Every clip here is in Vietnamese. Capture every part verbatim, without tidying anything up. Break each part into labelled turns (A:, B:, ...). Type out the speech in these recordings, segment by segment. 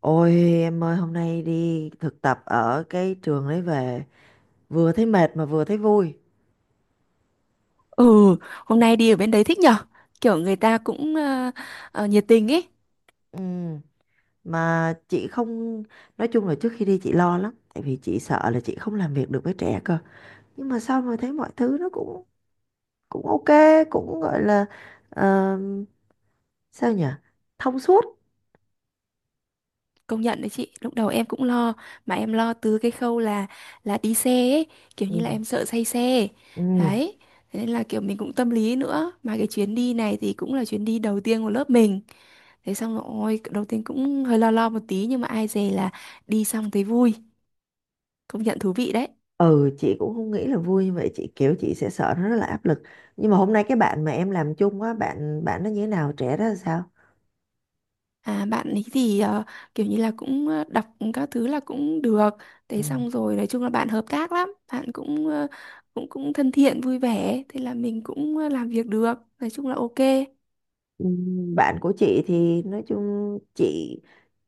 A: Ôi em ơi, hôm nay đi thực tập ở cái trường đấy về vừa thấy mệt mà vừa thấy vui.
B: Ừ, hôm nay đi ở bên đấy thích nhở? Kiểu người ta cũng ờ, ờ, nhiệt tình ấy.
A: Ừ. Mà chị không, nói chung là trước khi đi chị lo lắm tại vì chị sợ là chị không làm việc được với trẻ cơ, nhưng mà sau mà thấy mọi thứ nó cũng cũng ok, cũng gọi là, ờ, sao nhỉ, thông suốt.
B: Công nhận đấy chị, lúc đầu em cũng lo mà em lo từ cái khâu là là đi xe ấy, kiểu như là
A: Ừ.
B: em sợ say xe.
A: Ừ.
B: Đấy, thế nên là kiểu mình cũng tâm lý nữa. Mà cái chuyến đi này thì cũng là chuyến đi đầu tiên của lớp mình. Thế xong rồi, ôi, đầu tiên cũng hơi lo lo một tí nhưng mà ai dè là đi xong thấy vui, công nhận thú vị đấy.
A: Ừ, chị cũng không nghĩ là vui như vậy. Chị kiểu chị sẽ sợ nó rất là áp lực, nhưng mà hôm nay cái bạn mà em làm chung á, bạn bạn nó như thế nào, trẻ đó là sao?
B: À, bạn ấy thì ờ, kiểu như là cũng ờ, đọc các thứ là cũng được.
A: Ừ.
B: Thế xong rồi nói chung là bạn hợp tác lắm, bạn cũng ờ, cũng cũng thân thiện vui vẻ, thế là mình cũng ờ, làm việc được. Nói chung là ok.
A: Ừm, bạn của chị thì nói chung chị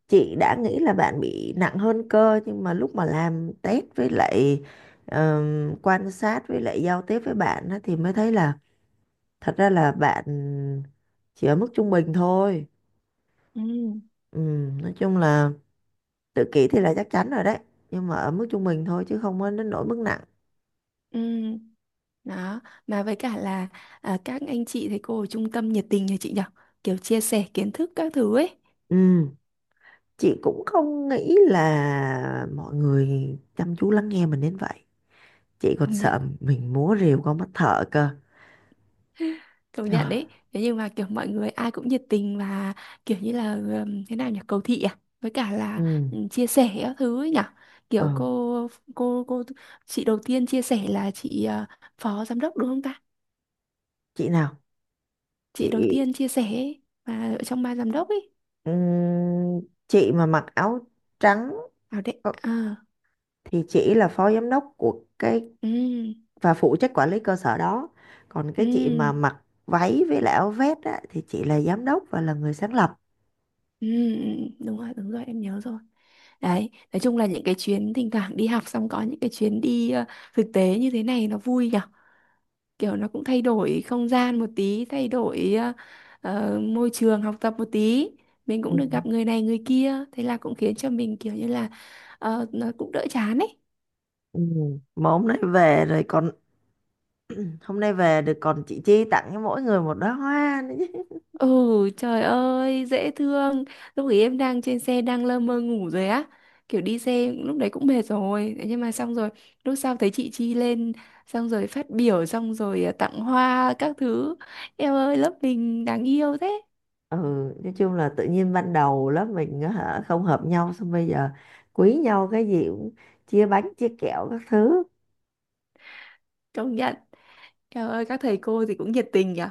A: chị đã nghĩ là bạn bị nặng hơn cơ, nhưng mà lúc mà làm test với lại ờm, quan sát với lại giao tiếp với bạn á, thì mới thấy là thật ra là bạn chỉ ở mức trung bình thôi.
B: Ừ.
A: Ừm, nói chung là tự kỷ thì là chắc chắn rồi đấy, nhưng mà ở mức trung bình thôi chứ không có đến nỗi mức nặng.
B: Ừ. Đó, mà với cả là à, các anh chị thầy cô ở trung tâm nhiệt tình nhà chị nhở. Kiểu chia sẻ kiến thức các thứ ấy.
A: Ừm, Chị cũng không nghĩ là mọi người chăm chú lắng nghe mình đến vậy. Chị còn
B: Công nhận.
A: sợ mình múa rìu con mắt thợ cơ.
B: Công nhận
A: Trời,
B: đấy, thế nhưng mà kiểu mọi người ai cũng nhiệt tình và kiểu như là ừm, thế nào nhỉ, cầu thị à, với cả là
A: ừ,
B: ừm, chia sẻ các thứ ấy nhỉ.
A: ờ,
B: Kiểu cô cô cô chị đầu tiên chia sẻ là chị ờ, phó giám đốc đúng không ta,
A: chị nào,
B: chị đầu
A: chị,
B: tiên chia sẻ ấy, mà ở trong ban giám đốc ấy.
A: ừm, chị mà mặc áo trắng,
B: À đấy
A: ờ,
B: à.
A: thì chị là phó giám đốc của cái
B: Ừ.
A: và phụ trách quản lý cơ sở đó. Còn cái chị mà
B: Ừ.
A: mặc váy với lại áo vest á, thì chị là giám đốc và là người sáng lập.
B: Ừ đúng rồi, đúng rồi em nhớ rồi. Đấy, nói chung là những cái chuyến thỉnh thoảng đi học xong, có những cái chuyến đi ờ, thực tế như thế này nó vui nhỉ. Kiểu nó cũng thay đổi không gian một tí, thay đổi ờ, ờ, môi trường học tập một tí, mình
A: Ừ.
B: cũng được gặp người này người kia, thế là cũng khiến cho mình kiểu như là ờ, nó cũng đỡ chán ấy.
A: Ừ. Mà hôm nay về rồi còn, hôm nay về được còn chị Chi tặng cho mỗi người một đóa hoa nữa.
B: Ừ. Trời ơi dễ thương. Lúc ấy em đang trên xe đang lơ mơ ngủ rồi á, kiểu đi xe lúc đấy cũng mệt rồi. Thế nhưng mà xong rồi lúc sau thấy chị Chi lên, xong rồi phát biểu, xong rồi ờ, tặng hoa các thứ. Em ơi, lớp mình đáng yêu thế.
A: Ừ, nói chung là tự nhiên ban đầu lớp mình á hả không hợp nhau, xong bây giờ quý nhau, cái gì cũng chia bánh chia kẹo các thứ.
B: Công nhận. Trời ơi các thầy cô thì cũng nhiệt tình nhỉ.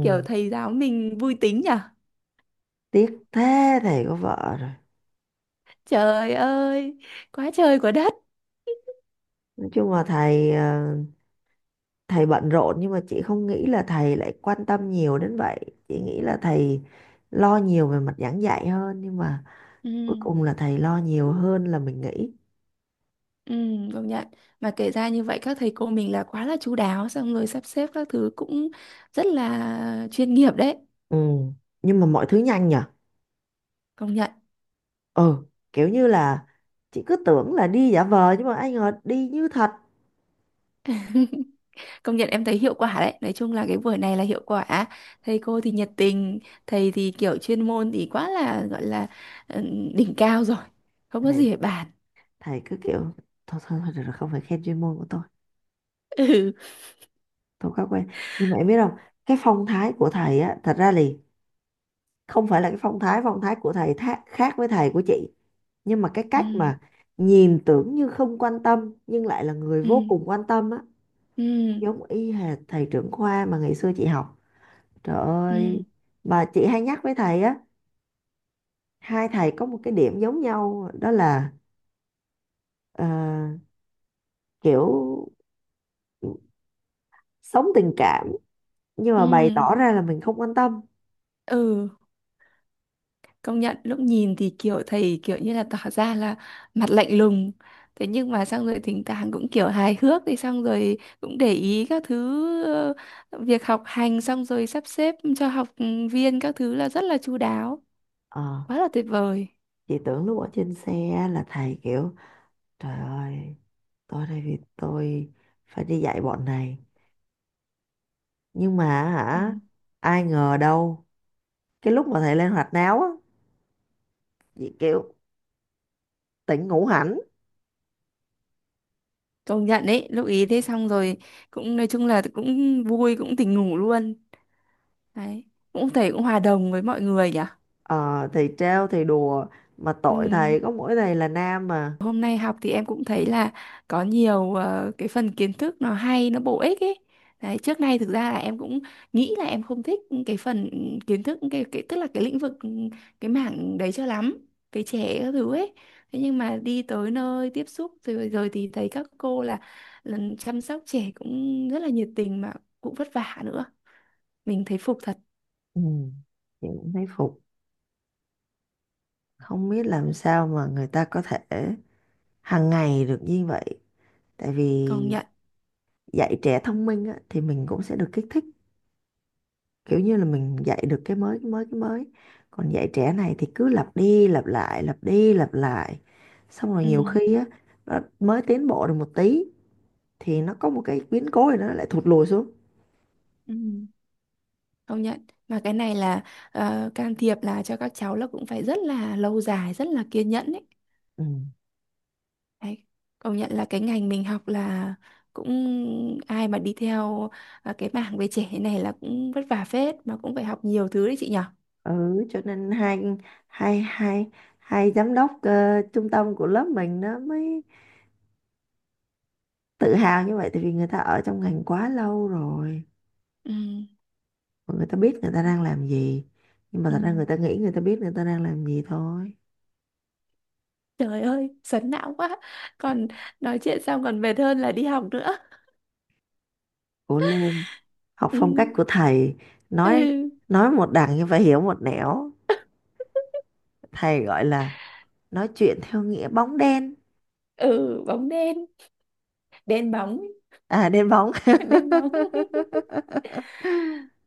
B: Kiểu thầy giáo mình vui tính nhỉ.
A: tiếc thế, thầy có vợ rồi.
B: Trời ơi. Quá trời quá đất.
A: Nói chung là thầy, ờ, thầy bận rộn, nhưng mà chị không nghĩ là thầy lại quan tâm nhiều đến vậy. Chị nghĩ là thầy lo nhiều về mặt giảng dạy hơn, nhưng mà
B: Ừ,
A: cuối cùng là thầy lo nhiều hơn là mình nghĩ.
B: ừ, công nhận. Mà kể ra như vậy các thầy cô mình là quá là chu đáo. Xong rồi sắp xếp các thứ cũng rất là chuyên nghiệp đấy.
A: Ừ, nhưng mà mọi thứ nhanh nhở.
B: Công nhận.
A: Ừ, kiểu như là chị cứ tưởng là đi giả vờ nhưng mà ai ngờ đi như thật.
B: Công nhận em thấy hiệu quả đấy. Nói chung là cái buổi này là hiệu quả. Thầy cô thì nhiệt tình. Thầy thì kiểu chuyên môn thì quá là gọi là ừ, đỉnh cao rồi, không có
A: Thầy
B: gì để bàn.
A: thầy cứ kiểu thôi thôi thôi được rồi, không phải khen chuyên môn của tôi
B: Ừ.
A: tôi quá quen. Nhưng mà em biết không, cái phong thái của thầy á, thật ra thì không phải là cái phong thái, phong thái của thầy tha- khác với thầy của chị, nhưng mà cái cách
B: Ừ.
A: mà nhìn tưởng như không quan tâm nhưng lại là người
B: Ừ.
A: vô cùng quan tâm á,
B: Ừ.
A: giống y hệt thầy trưởng khoa mà ngày xưa chị học. Trời
B: Ừ.
A: ơi, mà chị hay nhắc với thầy á, hai thầy có một cái điểm giống nhau, đó là, ờ, kiểu sống tình cảm nhưng mà bày
B: Ừ.
A: tỏ ra là mình không quan tâm.
B: Ừ, công nhận lúc nhìn thì kiểu thầy kiểu như là tỏ ra là mặt lạnh lùng. Thế nhưng mà xong rồi thỉnh thoảng cũng kiểu hài hước, thì xong rồi cũng để ý các thứ, ờ, việc học hành, xong rồi sắp xếp cho học viên các thứ là rất là chu đáo.
A: Ờ.
B: Quá là tuyệt vời.
A: Chị tưởng lúc ở trên xe là thầy kiểu trời ơi, tôi đây vì tôi phải đi dạy bọn này, nhưng mà,
B: Ừ.
A: hả, ai ngờ đâu cái lúc mà thầy lên hoạt náo á, chị kiểu tỉnh ngủ hẳn.
B: Công nhận đấy, lúc ý thế xong rồi cũng nói chung là cũng vui, cũng tỉnh ngủ luôn. Đấy, cũng thầy cũng hòa đồng với mọi người nhỉ.
A: Ờ thì trêu thì đùa, mà tội
B: Ừ.
A: thầy, có mỗi thầy là nam mà.
B: Hôm nay học thì em cũng thấy là có nhiều ờ, cái phần kiến thức nó hay, nó bổ ích ấy. Đấy, trước nay thực ra là em cũng nghĩ là em không thích cái phần kiến thức cái, cái, tức là cái lĩnh vực ừ, cái mảng đấy cho lắm, cái trẻ các thứ ấy. Thế nhưng mà đi tới nơi tiếp xúc rồi rồi thì thấy các cô là, là chăm sóc trẻ cũng rất là nhiệt tình mà cũng vất vả nữa. Mình thấy phục thật,
A: Ừ, chị cũng thấy phục, không biết làm sao mà người ta có thể hàng ngày được như vậy, tại
B: công
A: vì
B: nhận.
A: dạy trẻ thông minh á, thì mình cũng sẽ được kích thích, kiểu như là mình dạy được cái mới cái mới cái mới, còn dạy trẻ này thì cứ lặp đi lặp lại lặp đi lặp lại, xong rồi nhiều
B: Ừ.
A: khi á nó mới tiến bộ được một tí thì nó có một cái biến cố thì nó lại thụt lùi xuống.
B: Ừ. Công nhận, mà cái này là ờ, can thiệp là cho các cháu là cũng phải rất là lâu dài, rất là kiên nhẫn ấy.
A: Ừ.
B: Đấy. Công nhận là cái ngành mình học là cũng ai mà đi theo ờ, cái mảng về trẻ này là cũng vất vả phết mà cũng phải học nhiều thứ đấy chị nhở.
A: Ừ, cho nên hai hai hai hai giám đốc ờ, trung tâm của lớp mình nó mới tự hào như vậy, tại vì người ta ở trong ngành quá lâu rồi
B: Ừ.
A: và người ta biết người ta đang làm gì, nhưng mà
B: Ừ.
A: thật ra người ta nghĩ người ta biết người ta đang làm gì thôi.
B: Trời ơi sấn não quá, còn nói chuyện xong còn mệt hơn là đi học nữa.
A: Cố lên, học
B: Ừ.
A: phong cách của thầy. nói
B: Ừ.
A: nói một đằng nhưng phải hiểu một nẻo. Thầy gọi là nói chuyện theo nghĩa bóng đen.
B: Ừ bóng đen. Đen bóng.
A: À, đen bóng.
B: Đen bóng.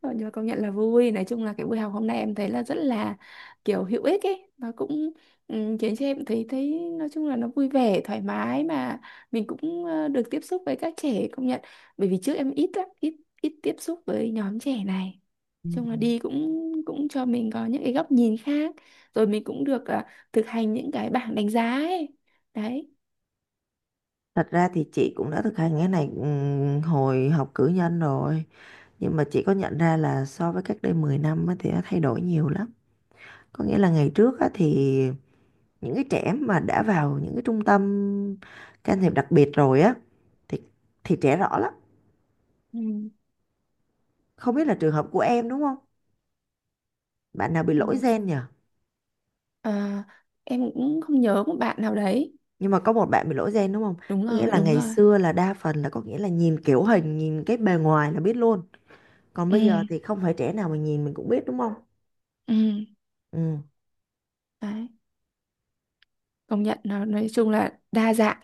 B: Ờ, nhưng mà công nhận là vui, nói chung là cái buổi học hôm nay em thấy là rất là kiểu hữu ích ấy, nó cũng ừ, khiến cho em thấy thấy nói chung là nó vui vẻ thoải mái, mà mình cũng ờ, được tiếp xúc với các trẻ. Công nhận, bởi vì trước em ít lắm, ít ít tiếp xúc với nhóm trẻ này. Nói
A: Ừ.
B: chung là đi cũng cũng cho mình có những cái góc nhìn khác, rồi mình cũng được ờ, thực hành những cái bảng đánh giá ấy. Đấy.
A: Thật ra thì chị cũng đã thực hành cái này ừm, hồi học cử nhân rồi, nhưng mà chị có nhận ra là so với cách đây mười năm á thì nó thay đổi nhiều lắm. Có nghĩa là ngày trước á thì những cái trẻ mà đã vào những cái trung tâm can thiệp đặc biệt rồi á thì thì trẻ rõ lắm.
B: Ừ.
A: Không biết là trường hợp của em đúng không, bạn nào bị
B: Ờ,
A: lỗi gen nhỉ?
B: ờ, em cũng không nhớ một bạn nào đấy.
A: Nhưng mà có một bạn bị lỗi gen đúng không?
B: Đúng
A: Có nghĩa
B: rồi,
A: là
B: đúng
A: ngày
B: rồi.
A: xưa là đa phần là có nghĩa là nhìn kiểu hình nhìn cái bề ngoài là biết luôn, còn bây giờ
B: Ừ.
A: thì không phải trẻ nào mà nhìn mình cũng biết đúng không.
B: Ừ.
A: Ừ.
B: Đấy, công nhận nó nói chung là đa dạng,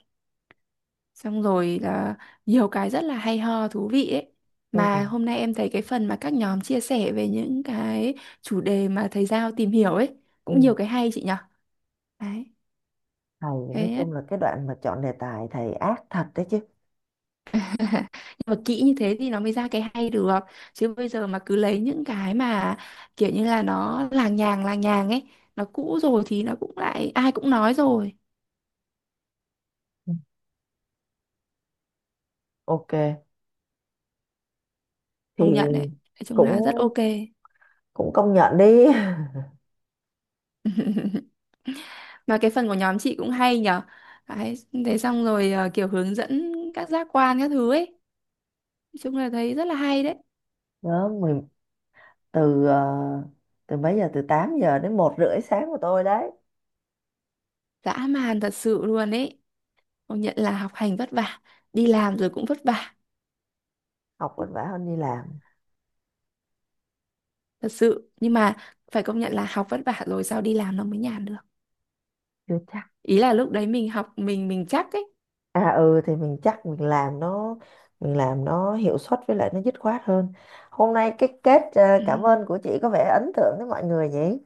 B: xong rồi là nhiều cái rất là hay ho thú vị ấy. Mà
A: Ừ,
B: hôm nay em thấy cái phần mà các nhóm chia sẻ về những cái chủ đề mà thầy Giao tìm hiểu ấy cũng
A: ừ.
B: nhiều cái hay chị nhở. Đấy.
A: Thầy, nói
B: Thế.
A: chung là cái đoạn mà chọn đề tài thầy ác thật đấy chứ.
B: Nhưng mà kỹ như thế thì nó mới ra cái hay được, chứ bây giờ mà cứ lấy những cái mà kiểu như là nó làng nhàng làng nhàng ấy, nó cũ rồi thì nó cũng lại ai cũng nói rồi.
A: Ừ. Ok, thì
B: Công nhận đấy, nói chung là rất
A: cũng,
B: ok.
A: cũng công nhận đi.
B: Mà cái phần của nhóm chị cũng hay nhở. Đấy, thế xong rồi ờ, kiểu hướng dẫn các giác quan các thứ ấy. Nói chung là thấy rất là hay đấy.
A: Đó, mình từ, ờ, từ mấy giờ, từ tám giờ đến một rưỡi sáng của tôi đấy.
B: Dã man thật sự luôn ấy. Công nhận là học hành vất vả, đi làm rồi cũng vất vả,
A: Học vất vả hơn đi làm.
B: thật sự. Nhưng mà phải công nhận là học vất vả rồi sao đi làm nó mới nhàn được.
A: Chưa chắc.
B: Ý là lúc đấy mình học mình mình chắc ấy.
A: À ừ thì mình chắc mình làm nó, mình làm nó hiệu suất với lại nó dứt khoát hơn. Hôm nay cái kết ờ,
B: Ừ,
A: cảm ơn của chị có vẻ ấn tượng với mọi người nhỉ?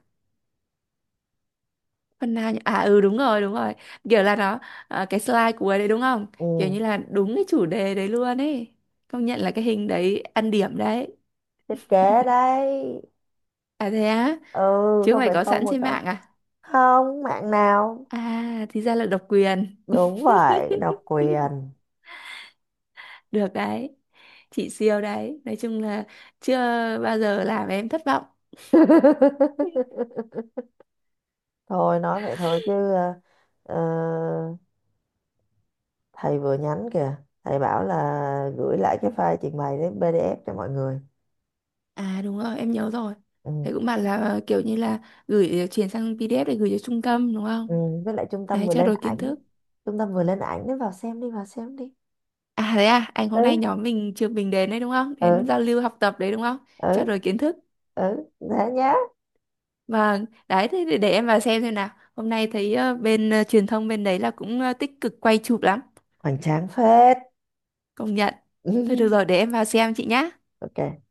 B: phần nào nhỉ? À ừ đúng rồi, đúng rồi. Kiểu là nó ờ, cái slide cuối đấy đúng không? Kiểu như
A: Ừ,
B: là đúng cái chủ đề đấy luôn ấy. Công nhận là cái hình đấy ăn điểm đấy.
A: thiết kế đấy.
B: À thế á,
A: Ừ,
B: chứ
A: không
B: mày
A: phải
B: có
A: không
B: sẵn
A: mà
B: trên
A: có.
B: mạng à?
A: Không, mạng nào.
B: À, thì ra là độc quyền.
A: Đúng vậy, độc quyền.
B: Được đấy, chị siêu đấy. Nói chung là chưa bao giờ làm em thất vọng.
A: Thôi nói vậy thôi chứ, ờ, ờ, thầy vừa nhắn kìa. Thầy bảo là gửi lại cái file trình bày đến pê đê ép cho mọi người.
B: À đúng rồi, em nhớ rồi.
A: Ừ.
B: Thầy cũng bảo là ờ, kiểu như là gửi ờ, chuyển sang pê đê ép để gửi cho trung tâm đúng
A: Ừ,
B: không?
A: với lại trung tâm
B: Đấy,
A: vừa
B: trao
A: lên
B: đổi kiến
A: ảnh ấy.
B: thức.
A: Trung tâm vừa lên ảnh đấy, vào xem đi, vào xem đi.
B: À thế à, anh hôm nay
A: Ừ.
B: nhóm mình trường mình đến đấy đúng không? Đến
A: Ừ.
B: giao lưu học tập đấy đúng không? Trao
A: Ừ.
B: đổi kiến thức.
A: Ừ thế nhá.
B: Vâng, đấy thế để để em vào xem xem nào. Hôm nay thấy ờ, bên ờ, truyền thông bên đấy là cũng ờ, tích cực quay chụp lắm.
A: Hoành tráng phết.
B: Công nhận. Thôi được rồi, để em vào xem chị nhá.
A: Ok.